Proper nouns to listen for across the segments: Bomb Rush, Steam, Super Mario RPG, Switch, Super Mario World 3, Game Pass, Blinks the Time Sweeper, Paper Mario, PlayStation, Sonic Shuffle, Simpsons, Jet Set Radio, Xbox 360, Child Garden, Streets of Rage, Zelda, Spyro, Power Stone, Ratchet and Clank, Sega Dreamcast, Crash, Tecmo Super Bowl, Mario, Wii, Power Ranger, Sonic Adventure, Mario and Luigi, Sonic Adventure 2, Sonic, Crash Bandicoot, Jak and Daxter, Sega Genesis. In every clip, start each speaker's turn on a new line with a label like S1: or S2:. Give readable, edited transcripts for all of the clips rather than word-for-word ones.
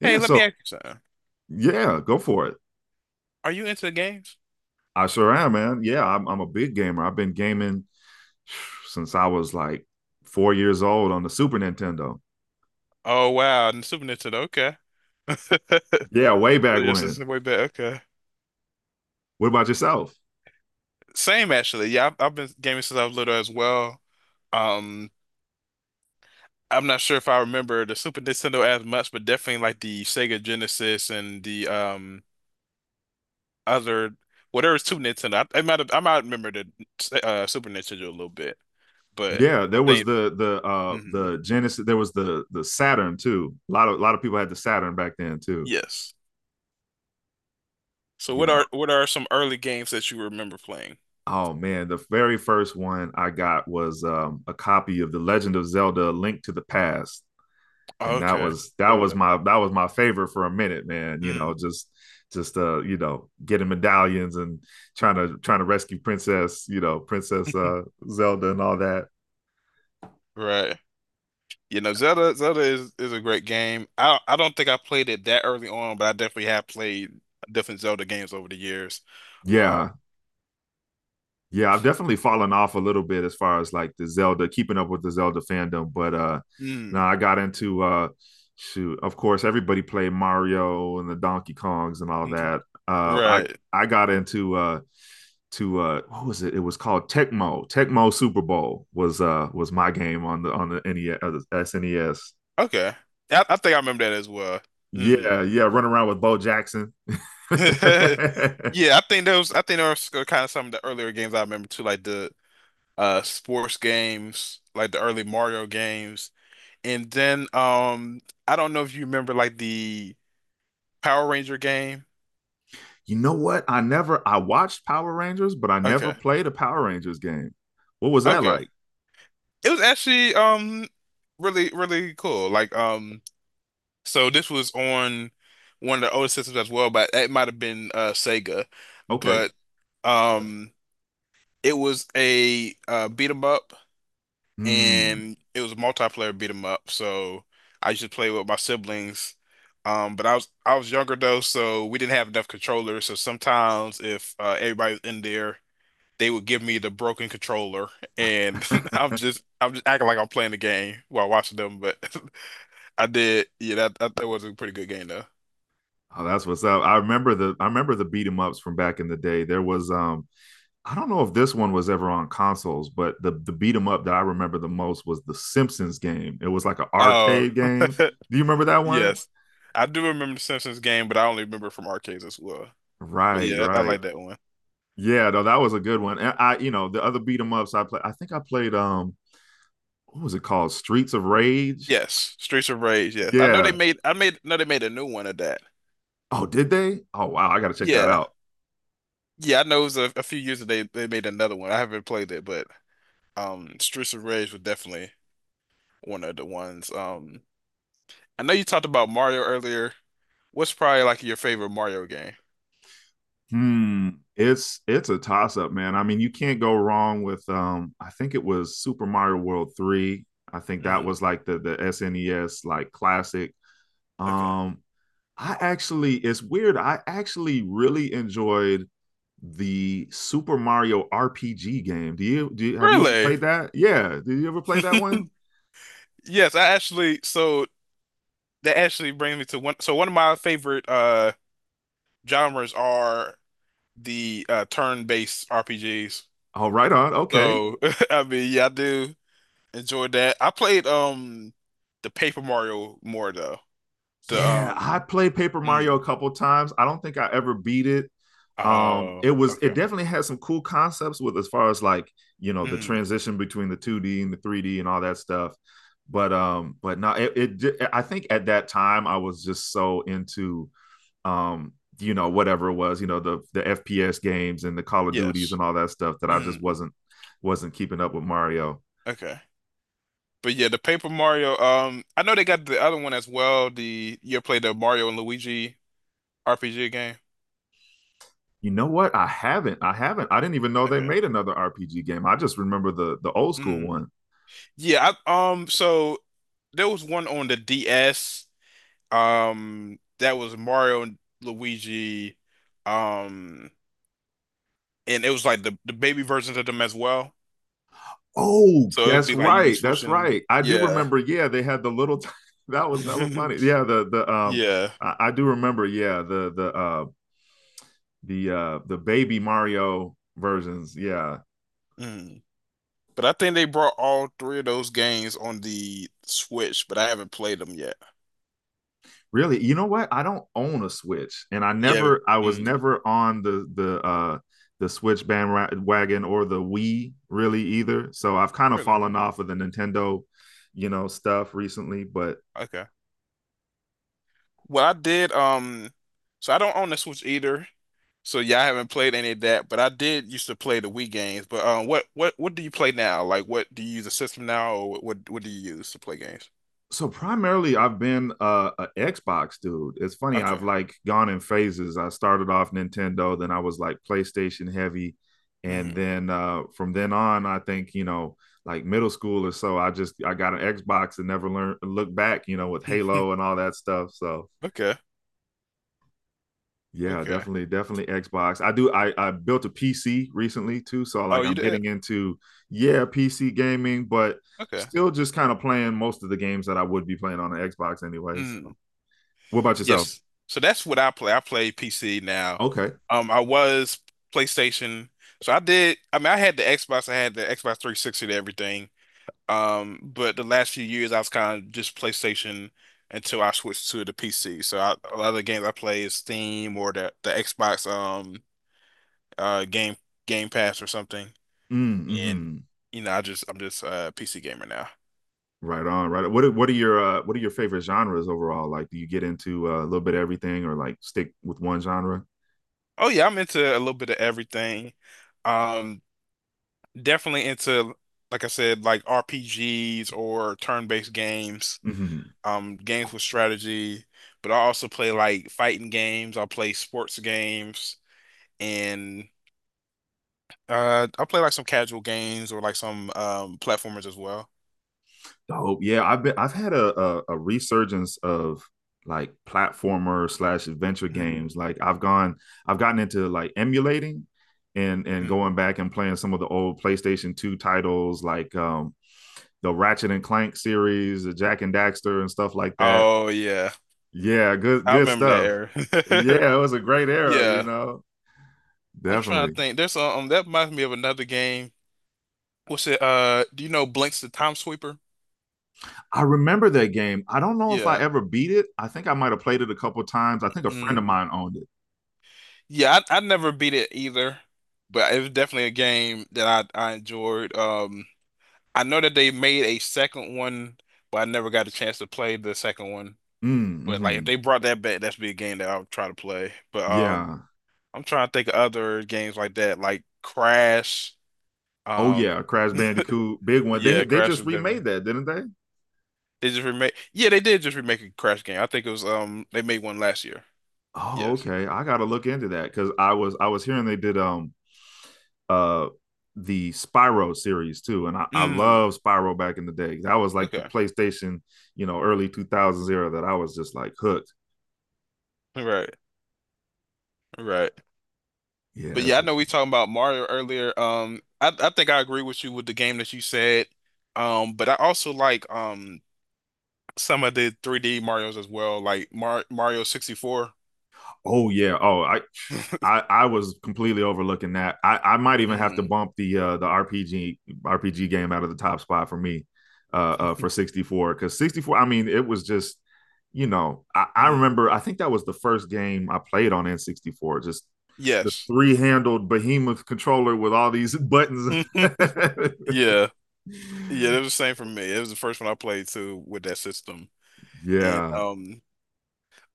S1: Yeah,
S2: Hey, let
S1: so
S2: me ask you something.
S1: yeah, go for it.
S2: Are you into the games?
S1: I sure am, man. Yeah, I'm a big gamer. I've been gaming since I was like 4 years old on the Super Nintendo.
S2: Oh wow, and Super Nintendo. Okay,
S1: Yeah, way back
S2: Your this
S1: when.
S2: way better. Okay,
S1: What about yourself?
S2: same actually. Yeah, I've been gaming since I was little as well. Um, I'm not sure if I remember the Super Nintendo as much, but definitely like the Sega Genesis and the other whatever is Super Nintendo. I might have, I might remember the Super Nintendo a little bit, but
S1: Yeah,
S2: I
S1: there was
S2: think
S1: the the uh
S2: mhm,
S1: the Genesis. There was the Saturn too. A lot of people had the Saturn back then too.
S2: yes. So what
S1: Yeah.
S2: are what are some early games that you remember playing?
S1: Oh man, the very first one I got was a copy of The Legend of Zelda: A Link to the Past, and that
S2: Okay,
S1: was that was
S2: Zelda.
S1: my that was my favorite for a minute, man. You know,
S2: Mm.
S1: just you know, getting medallions and trying to rescue Princess, you know, Princess Zelda and all that.
S2: Right. You know, Zelda is a great game. I don't think I played it that early on, but I definitely have played different Zelda games over the years. Uh,
S1: Yeah. Yeah, I've definitely fallen off a little bit as far as like the Zelda, keeping up with the Zelda fandom. But
S2: mm,
S1: now I got into shoot, of course, everybody played Mario and the Donkey Kongs and all
S2: mm,
S1: that. Uh I
S2: right.
S1: I got into to what was it? It was called Tecmo. Tecmo Super Bowl was my game on the NES the SNES.
S2: Okay. I think I remember that as well. Hmm
S1: Yeah, yeah, run around with Bo Jackson.
S2: Yeah, I think those are kind of some of the earlier games I remember too, like the sports games, like the early Mario games. And then I don't know if you remember like the Power Ranger game.
S1: You know what? I never I watched Power Rangers, but I never
S2: Okay.
S1: played a Power Rangers game. What was that
S2: Okay.
S1: like?
S2: It was actually really really cool. Like so this was on one of the older systems as well, but it might have been Sega.
S1: Okay.
S2: But um it was a beat 'em up
S1: Hmm.
S2: and it was a multiplayer beat 'em up. So I used to play with my siblings. But I was younger though, so we didn't have enough controllers. So sometimes if everybody's in there they would give me the broken controller, and I'm
S1: Oh,
S2: just I'm just acting like I'm playing the game while watching them. But I did, yeah, that was a pretty good game though.
S1: that's what's up. I remember the beat 'em ups from back in the day. There was I don't know if this one was ever on consoles, but the beat 'em up that I remember the most was the Simpsons game. It was like an
S2: Oh,
S1: arcade game. Do you remember that one?
S2: yes, I do remember the Simpsons game, but I only remember from arcades as well. But
S1: Right,
S2: yeah, I
S1: right.
S2: like that one.
S1: Yeah, no, that was a good one. And I, you know, the other beat 'em ups I played, I think I played what was it called? Streets of Rage.
S2: Yes, Streets of Rage. Yes, I know they
S1: Yeah.
S2: made. I made. No, they made a new one of that.
S1: Oh, did they? Oh wow, I gotta check that
S2: Yeah,
S1: out.
S2: yeah. I know it was a few years that they made another one. I haven't played it, but Streets of Rage was definitely one of the ones. I know you talked about Mario earlier. What's probably like your favorite Mario game?
S1: Hmm. It's a toss up, man. I mean, you can't go wrong with I think it was Super Mario World 3. I think that
S2: Mm,
S1: was like the SNES like classic.
S2: okay.
S1: Um I actually, it's weird. I actually really enjoyed the Super Mario RPG game. Have you ever
S2: Really?
S1: played that? Yeah, did you ever play that one?
S2: Yes, I actually so that actually brings me to one so one of my favorite genres are the turn-based RPGs.
S1: Oh, right on. Okay.
S2: So I mean yeah, I do enjoy that. I played the Paper Mario more though. The
S1: Yeah, I played Paper Mario
S2: mm,
S1: a couple times. I don't think I ever beat it. It
S2: oh
S1: was it
S2: okay.
S1: definitely had some cool concepts with as far as like you know the
S2: Mm,
S1: transition between the 2D and the 3D and all that stuff. But no, it I think at that time I was just so into um, you know whatever it was, you know the FPS games and the Call of Duties
S2: yes.
S1: and all that stuff that I just
S2: Mm,
S1: wasn't keeping up with Mario.
S2: okay. But yeah, the Paper Mario. I know they got the other one as well. The you ever played the Mario and Luigi RPG game?
S1: You know what? I haven't. I didn't even know they
S2: Okay.
S1: made another RPG game. I just remember the old school
S2: Mm.
S1: one.
S2: Yeah. I. So there was one on the DS. That was Mario and Luigi. Um, and it was like the baby versions of them as well.
S1: Oh,
S2: So it would
S1: that's
S2: be like you'd be
S1: right. That's
S2: switching.
S1: right. I do
S2: Yeah.
S1: remember. Yeah, they had the little. That was hella funny. Yeah, the
S2: Yeah.
S1: I do remember. Yeah, the baby Mario versions. Yeah.
S2: Mm. But I think they brought all three of those games on the Switch, but I haven't played them yet.
S1: Really? You know what? I don't own a Switch, and
S2: Yeah.
S1: I was
S2: Mm,
S1: never on the Switch bandwagon or the Wii really either. So I've kind of
S2: really?
S1: fallen off of the Nintendo, you know, stuff recently. But
S2: Okay. Well, I did. So I don't own the Switch either. So yeah, I haven't played any of that. But I did used to play the Wii games. But what do you play now? Like, what do you use a system now, or what do you use to play games?
S1: so primarily I've been a Xbox dude. It's funny, I've
S2: Okay.
S1: like gone in phases. I started off Nintendo, then I was like PlayStation heavy, and
S2: hmm
S1: then from then on I think you know like middle school or so I got an Xbox and never learned look back you know with Halo and all that stuff. So
S2: Okay.
S1: yeah,
S2: Okay.
S1: definitely definitely Xbox. I do i i built a PC recently too, so
S2: Oh,
S1: like
S2: you
S1: I'm
S2: did?
S1: getting into yeah PC gaming, but
S2: Okay.
S1: still just kind of playing most of the games that I would be playing on an Xbox anyways.
S2: Mm.
S1: What about yourself?
S2: Yes. So that's what I play. I play PC now.
S1: Okay.
S2: I was PlayStation. So I did. I mean, I had the Xbox. I had the Xbox 360 and everything. But the last few years I was kind of just PlayStation until I switched to the PC. So I, a lot of the games I play is Steam or the Xbox uh game Game Pass or something.
S1: Mm,
S2: And
S1: mm-hmm.
S2: you know, I'm just a PC gamer now.
S1: Right on. Right. On. What are your what are your favorite genres overall? Like, do you get into a little bit of everything, or like stick with one genre?
S2: Oh yeah, I'm into a little bit of everything. Um, definitely into like I said, like RPGs or turn-based games,
S1: Mm-hmm.
S2: games with strategy. But I also play like fighting games. I play sports games and I play like some casual games or like some platformers as well.
S1: Dope. Yeah, I've been. I've had a resurgence of like platformer slash adventure
S2: Hmm.
S1: games. Like, I've gone. I've gotten into like emulating, and going
S2: Hmm.
S1: back and playing some of the old PlayStation Two titles, like the Ratchet and Clank series, the Jack and Daxter, and stuff like that.
S2: Oh yeah.
S1: Yeah, good
S2: I
S1: good
S2: remember
S1: stuff.
S2: that era.
S1: Yeah, it was a great era, you
S2: Yeah.
S1: know.
S2: I'm trying
S1: Definitely.
S2: to think. There's that reminds me of another game. What's it? Do you know Blinks the Time Sweeper?
S1: I remember that game. I don't know if I
S2: Yeah.
S1: ever beat it. I think I might have played it a couple times. I think a friend of
S2: Mm.
S1: mine owned it.
S2: Yeah, I never beat it either, but it was definitely a game that I enjoyed. I know that they made a second one, but I never got a chance to play the second one.
S1: Mm,
S2: But
S1: hmm.
S2: like if they brought that back, that's be a game that I would try to play. But
S1: Yeah.
S2: I'm trying to think of other games like that, like Crash.
S1: Oh
S2: Um,
S1: yeah, Crash Bandicoot, big one. They
S2: yeah,
S1: they
S2: Crash
S1: just
S2: was definitely.
S1: remade that, didn't they?
S2: They just remake. Yeah, they did just remake a Crash game. I think it was they made one last year.
S1: Oh,
S2: Yes.
S1: okay. I gotta look into that because I was hearing they did uh the Spyro series too, and I
S2: Mm.
S1: love Spyro back in the day. That was like the
S2: Okay.
S1: PlayStation, you know, early two thousands era that I was just like hooked.
S2: Right. Right.
S1: Yeah,
S2: But yeah,
S1: that's
S2: I
S1: it.
S2: know we talking about Mario earlier. I think I agree with you with the game that you said. But I also like some of the 3D Marios as well, like Mario 64.
S1: Oh yeah. Oh, I was completely overlooking that. I might even have to
S2: Mm.
S1: bump the RPG RPG game out of the top spot for me for 64, cuz 64 I mean it was just you know, I
S2: Mm.
S1: remember I think that was the first game I played on N64, just this
S2: Yes.
S1: three-handled behemoth controller with all these buttons.
S2: Yeah. Yeah, that was the same for me. It was the first one I played too with that system. And
S1: Yeah.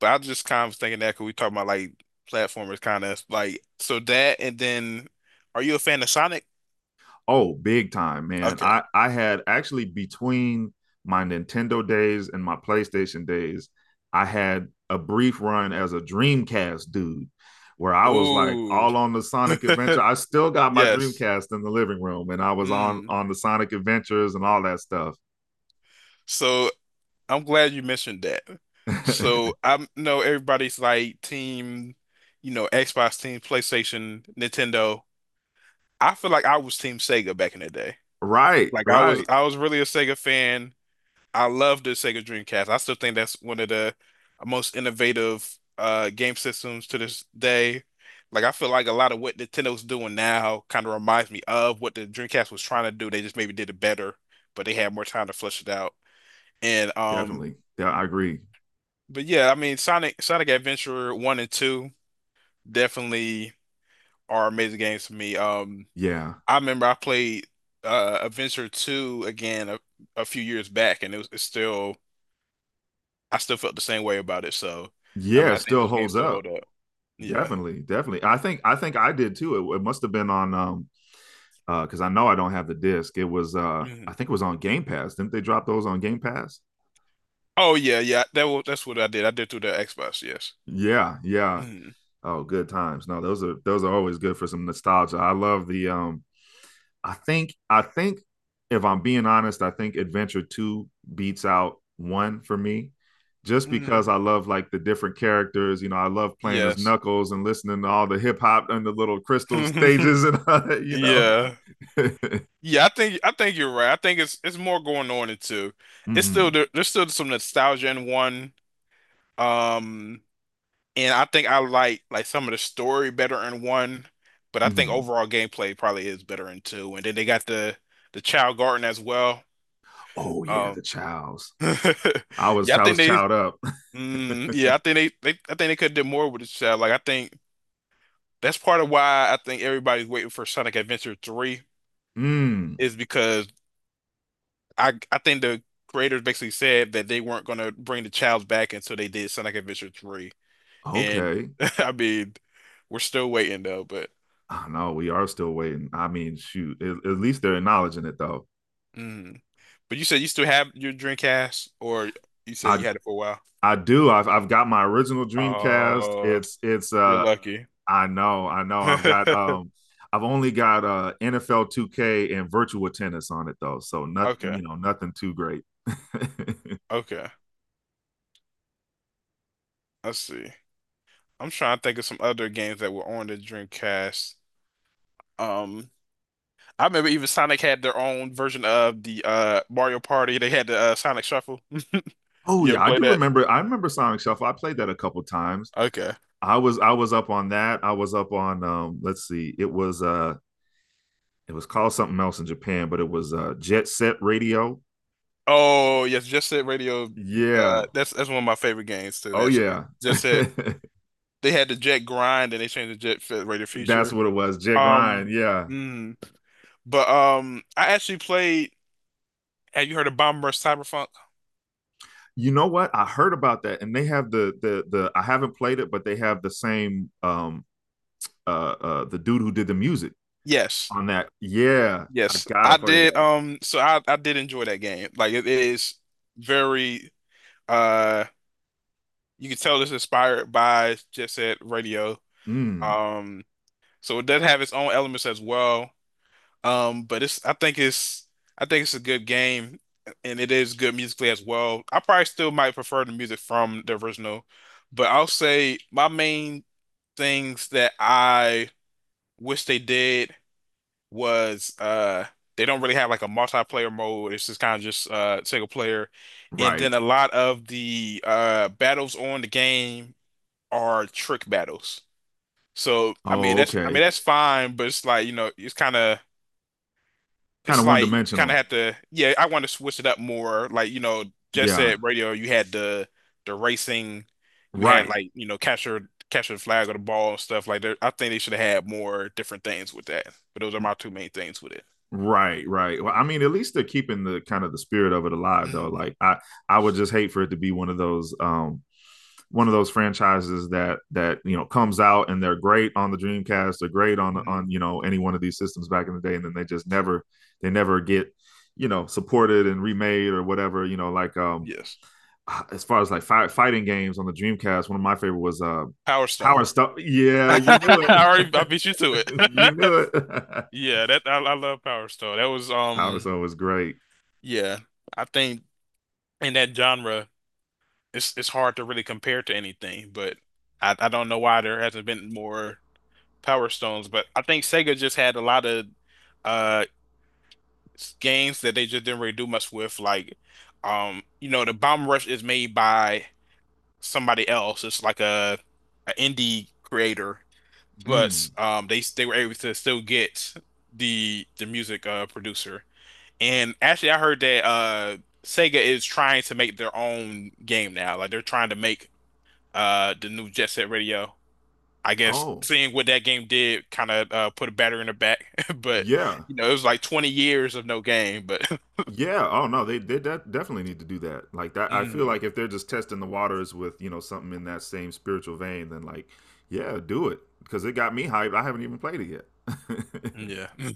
S2: but I just kind of was thinking that 'cause we talking about like platformers kind of like so that and then are you a fan of Sonic?
S1: Oh, big time, man.
S2: Okay.
S1: I had actually between my Nintendo days and my PlayStation days, I had a brief run as a Dreamcast dude where I was like
S2: Ooh.
S1: all on the Sonic Adventure. I still got my
S2: Yes.
S1: Dreamcast in the living room and I was on
S2: Mm.
S1: the Sonic Adventures and all that stuff.
S2: So I'm glad you mentioned that. So I know everybody's like team, you know, Xbox team, PlayStation, Nintendo. I feel like I was team Sega back in the day.
S1: Right,
S2: Like I was
S1: right.
S2: I was really a Sega fan. I love the Sega Dreamcast. I still think that's one of the most innovative game systems to this day. Like I feel like a lot of what Nintendo's doing now kind of reminds me of what the Dreamcast was trying to do. They just maybe did it better, but they had more time to flesh it out. And
S1: Definitely. Yeah, I agree.
S2: but yeah, I mean Sonic Adventure 1 and 2 definitely are amazing games for me.
S1: Yeah.
S2: I remember I played Adventure 2 again a few years back and it was it's still I still felt the same way about it. So, I mean,
S1: Yeah, it
S2: I think
S1: still
S2: those games
S1: holds
S2: still
S1: up.
S2: hold up. Yeah.
S1: Definitely, definitely. I did too. It must have been on because I know I don't have the disc. It was I
S2: hmm
S1: think it was on Game Pass. Didn't they drop those on Game Pass?
S2: Oh yeah, yeah. That's what I did. I did through the Xbox. Yes.
S1: Yeah, yeah.
S2: hmm
S1: Oh, good times. No, those are always good for some nostalgia. I love the. I think if I'm being honest, I think Adventure Two beats out one for me, just because
S2: hmm
S1: I love like the different characters. You know, I love playing as
S2: Yes.
S1: Knuckles and listening to all the hip hop and the little crystal stages and all that, you know.
S2: Yeah. Yeah, I think you're right. I think it's more going on in two. It's still
S1: mm-hmm,
S2: there's still some nostalgia in one. Um, and I think I like some of the story better in one, but I think
S1: mm-hmm.
S2: overall gameplay probably is better in two. And then they got the Child Garden as well.
S1: Oh yeah, the
S2: Um,
S1: Childs.
S2: Yeah, I
S1: I
S2: think
S1: was
S2: they.
S1: chowed up.
S2: Mm, yeah, I think they, they. I think they could have did more with this child. Like I think that's part of why I think everybody's waiting for Sonic Adventure 3
S1: Mm,
S2: is because I think the creators basically said that they weren't gonna bring the child back until they did Sonic Adventure 3. And
S1: okay.
S2: I mean, we're still waiting though. But
S1: I know we are still waiting. I mean, shoot, at least they're acknowledging it though.
S2: mm. But you said you still have your Dreamcast, or you said
S1: I
S2: you had it for a while.
S1: I do. I've got my original Dreamcast.
S2: Oh,
S1: It's
S2: you're lucky.
S1: I know, I know. I've only got NFL 2K and virtual tennis on it though. So nothing,
S2: Okay,
S1: you know, nothing too great.
S2: okay. I see. I'm trying to think of some other games that were on the Dreamcast. Um, I remember even Sonic had their own version of the Mario Party. They had the Sonic Shuffle.
S1: Oh
S2: You
S1: yeah,
S2: ever play that?
S1: I remember Sonic Shuffle. I played that a couple times.
S2: Okay.
S1: I was up on that. I was up on let's see. It was it was called something else in Japan, but it was Jet Set Radio.
S2: Oh yes, Just Set Radio.
S1: Yeah.
S2: That's one of my favorite games too.
S1: Oh
S2: Actually,
S1: yeah.
S2: Just Set. They had the Jet Grind, and they changed the Jet Fit Radio
S1: That's
S2: feature.
S1: what it was. Jet
S2: Um,
S1: Grind. Yeah.
S2: mm, but I actually played. Have you heard of Bomber Cyberpunk?
S1: You know what? I heard about that, and they have the the. I haven't played it, but they have the same the dude who did the music
S2: Yes.
S1: on that. Yeah, I
S2: Yes,
S1: gotta
S2: I
S1: play
S2: did.
S1: that.
S2: So I did enjoy that game. Like it is very uh, you can tell it's inspired by Jet Set Radio.
S1: Mm,
S2: Um, so it does have its own elements as well. But it's I think it's I think it's a good game, and it is good musically as well. I probably still might prefer the music from the original, but I'll say my main things that I wish they did. Was they don't really have like a multiplayer mode. It's just single player. And
S1: right.
S2: then a lot of the battles on the game are trick battles. So
S1: Oh,
S2: I mean
S1: okay.
S2: that's fine, but it's like, you know, it's kinda
S1: Kind
S2: it's
S1: of one
S2: like you kinda
S1: dimensional.
S2: have to yeah, I want to switch it up more. Like, you know, Jet
S1: Yeah.
S2: Set Radio, you had the racing, you had
S1: Right.
S2: like, you know, capture the flag or the ball and stuff like that. I think they should have had more different things with that. But those are my two main things with it.
S1: Right, right. Well, I
S2: Mhm.
S1: mean, at least they're keeping the kind of the spirit of it alive, though.
S2: Mhm.
S1: I would just hate for it to be one of those franchises that you know comes out and they're great on the Dreamcast, they're great on
S2: hmm
S1: you know any one of these systems back in the day, and then they never get, you know, supported and remade or whatever. You know, like
S2: Yes.
S1: as far as like fighting games on the Dreamcast, one of my favorite was
S2: Power
S1: Power
S2: Stone.
S1: Stone. Yeah, you knew
S2: I
S1: it.
S2: beat you to
S1: You
S2: it.
S1: knew it.
S2: Yeah, that I love Power Stone. That was
S1: Power Stone was great.
S2: yeah. I think in that genre it's hard to really compare to anything, but I don't know why there hasn't been more Power Stones, but I think Sega just had a lot of uh games that they just didn't really do much with like you know the Bomb Rush is made by somebody else. It's like a an indie creator but
S1: Mm.
S2: they were able to still get the music producer. And actually, I heard that Sega is trying to make their own game now. Like they're trying to make the new Jet Set Radio. I guess
S1: Oh,
S2: seeing what that game did kind of put a batter in the back. But
S1: yeah.
S2: you know, it was like 20 years of no game. But
S1: Yeah. Oh no, they definitely need to do that. Like that I feel
S2: mm,
S1: like if they're just testing the waters with, you know, something in that same spiritual vein, then like, yeah, do it because it got me hyped. I haven't even played it yet.
S2: yeah, Mm.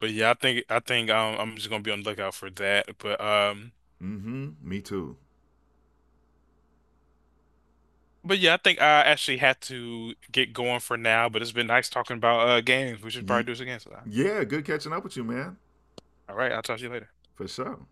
S2: but yeah, I think I'm just gonna be on the lookout for that.
S1: Mhm. Me too.
S2: But yeah, I think I actually had to get going for now, but it's been nice talking about games. We should probably
S1: Ye-
S2: do this again sometime.
S1: yeah, good catching up with you, man.
S2: All right, I'll talk to you later.
S1: For sure.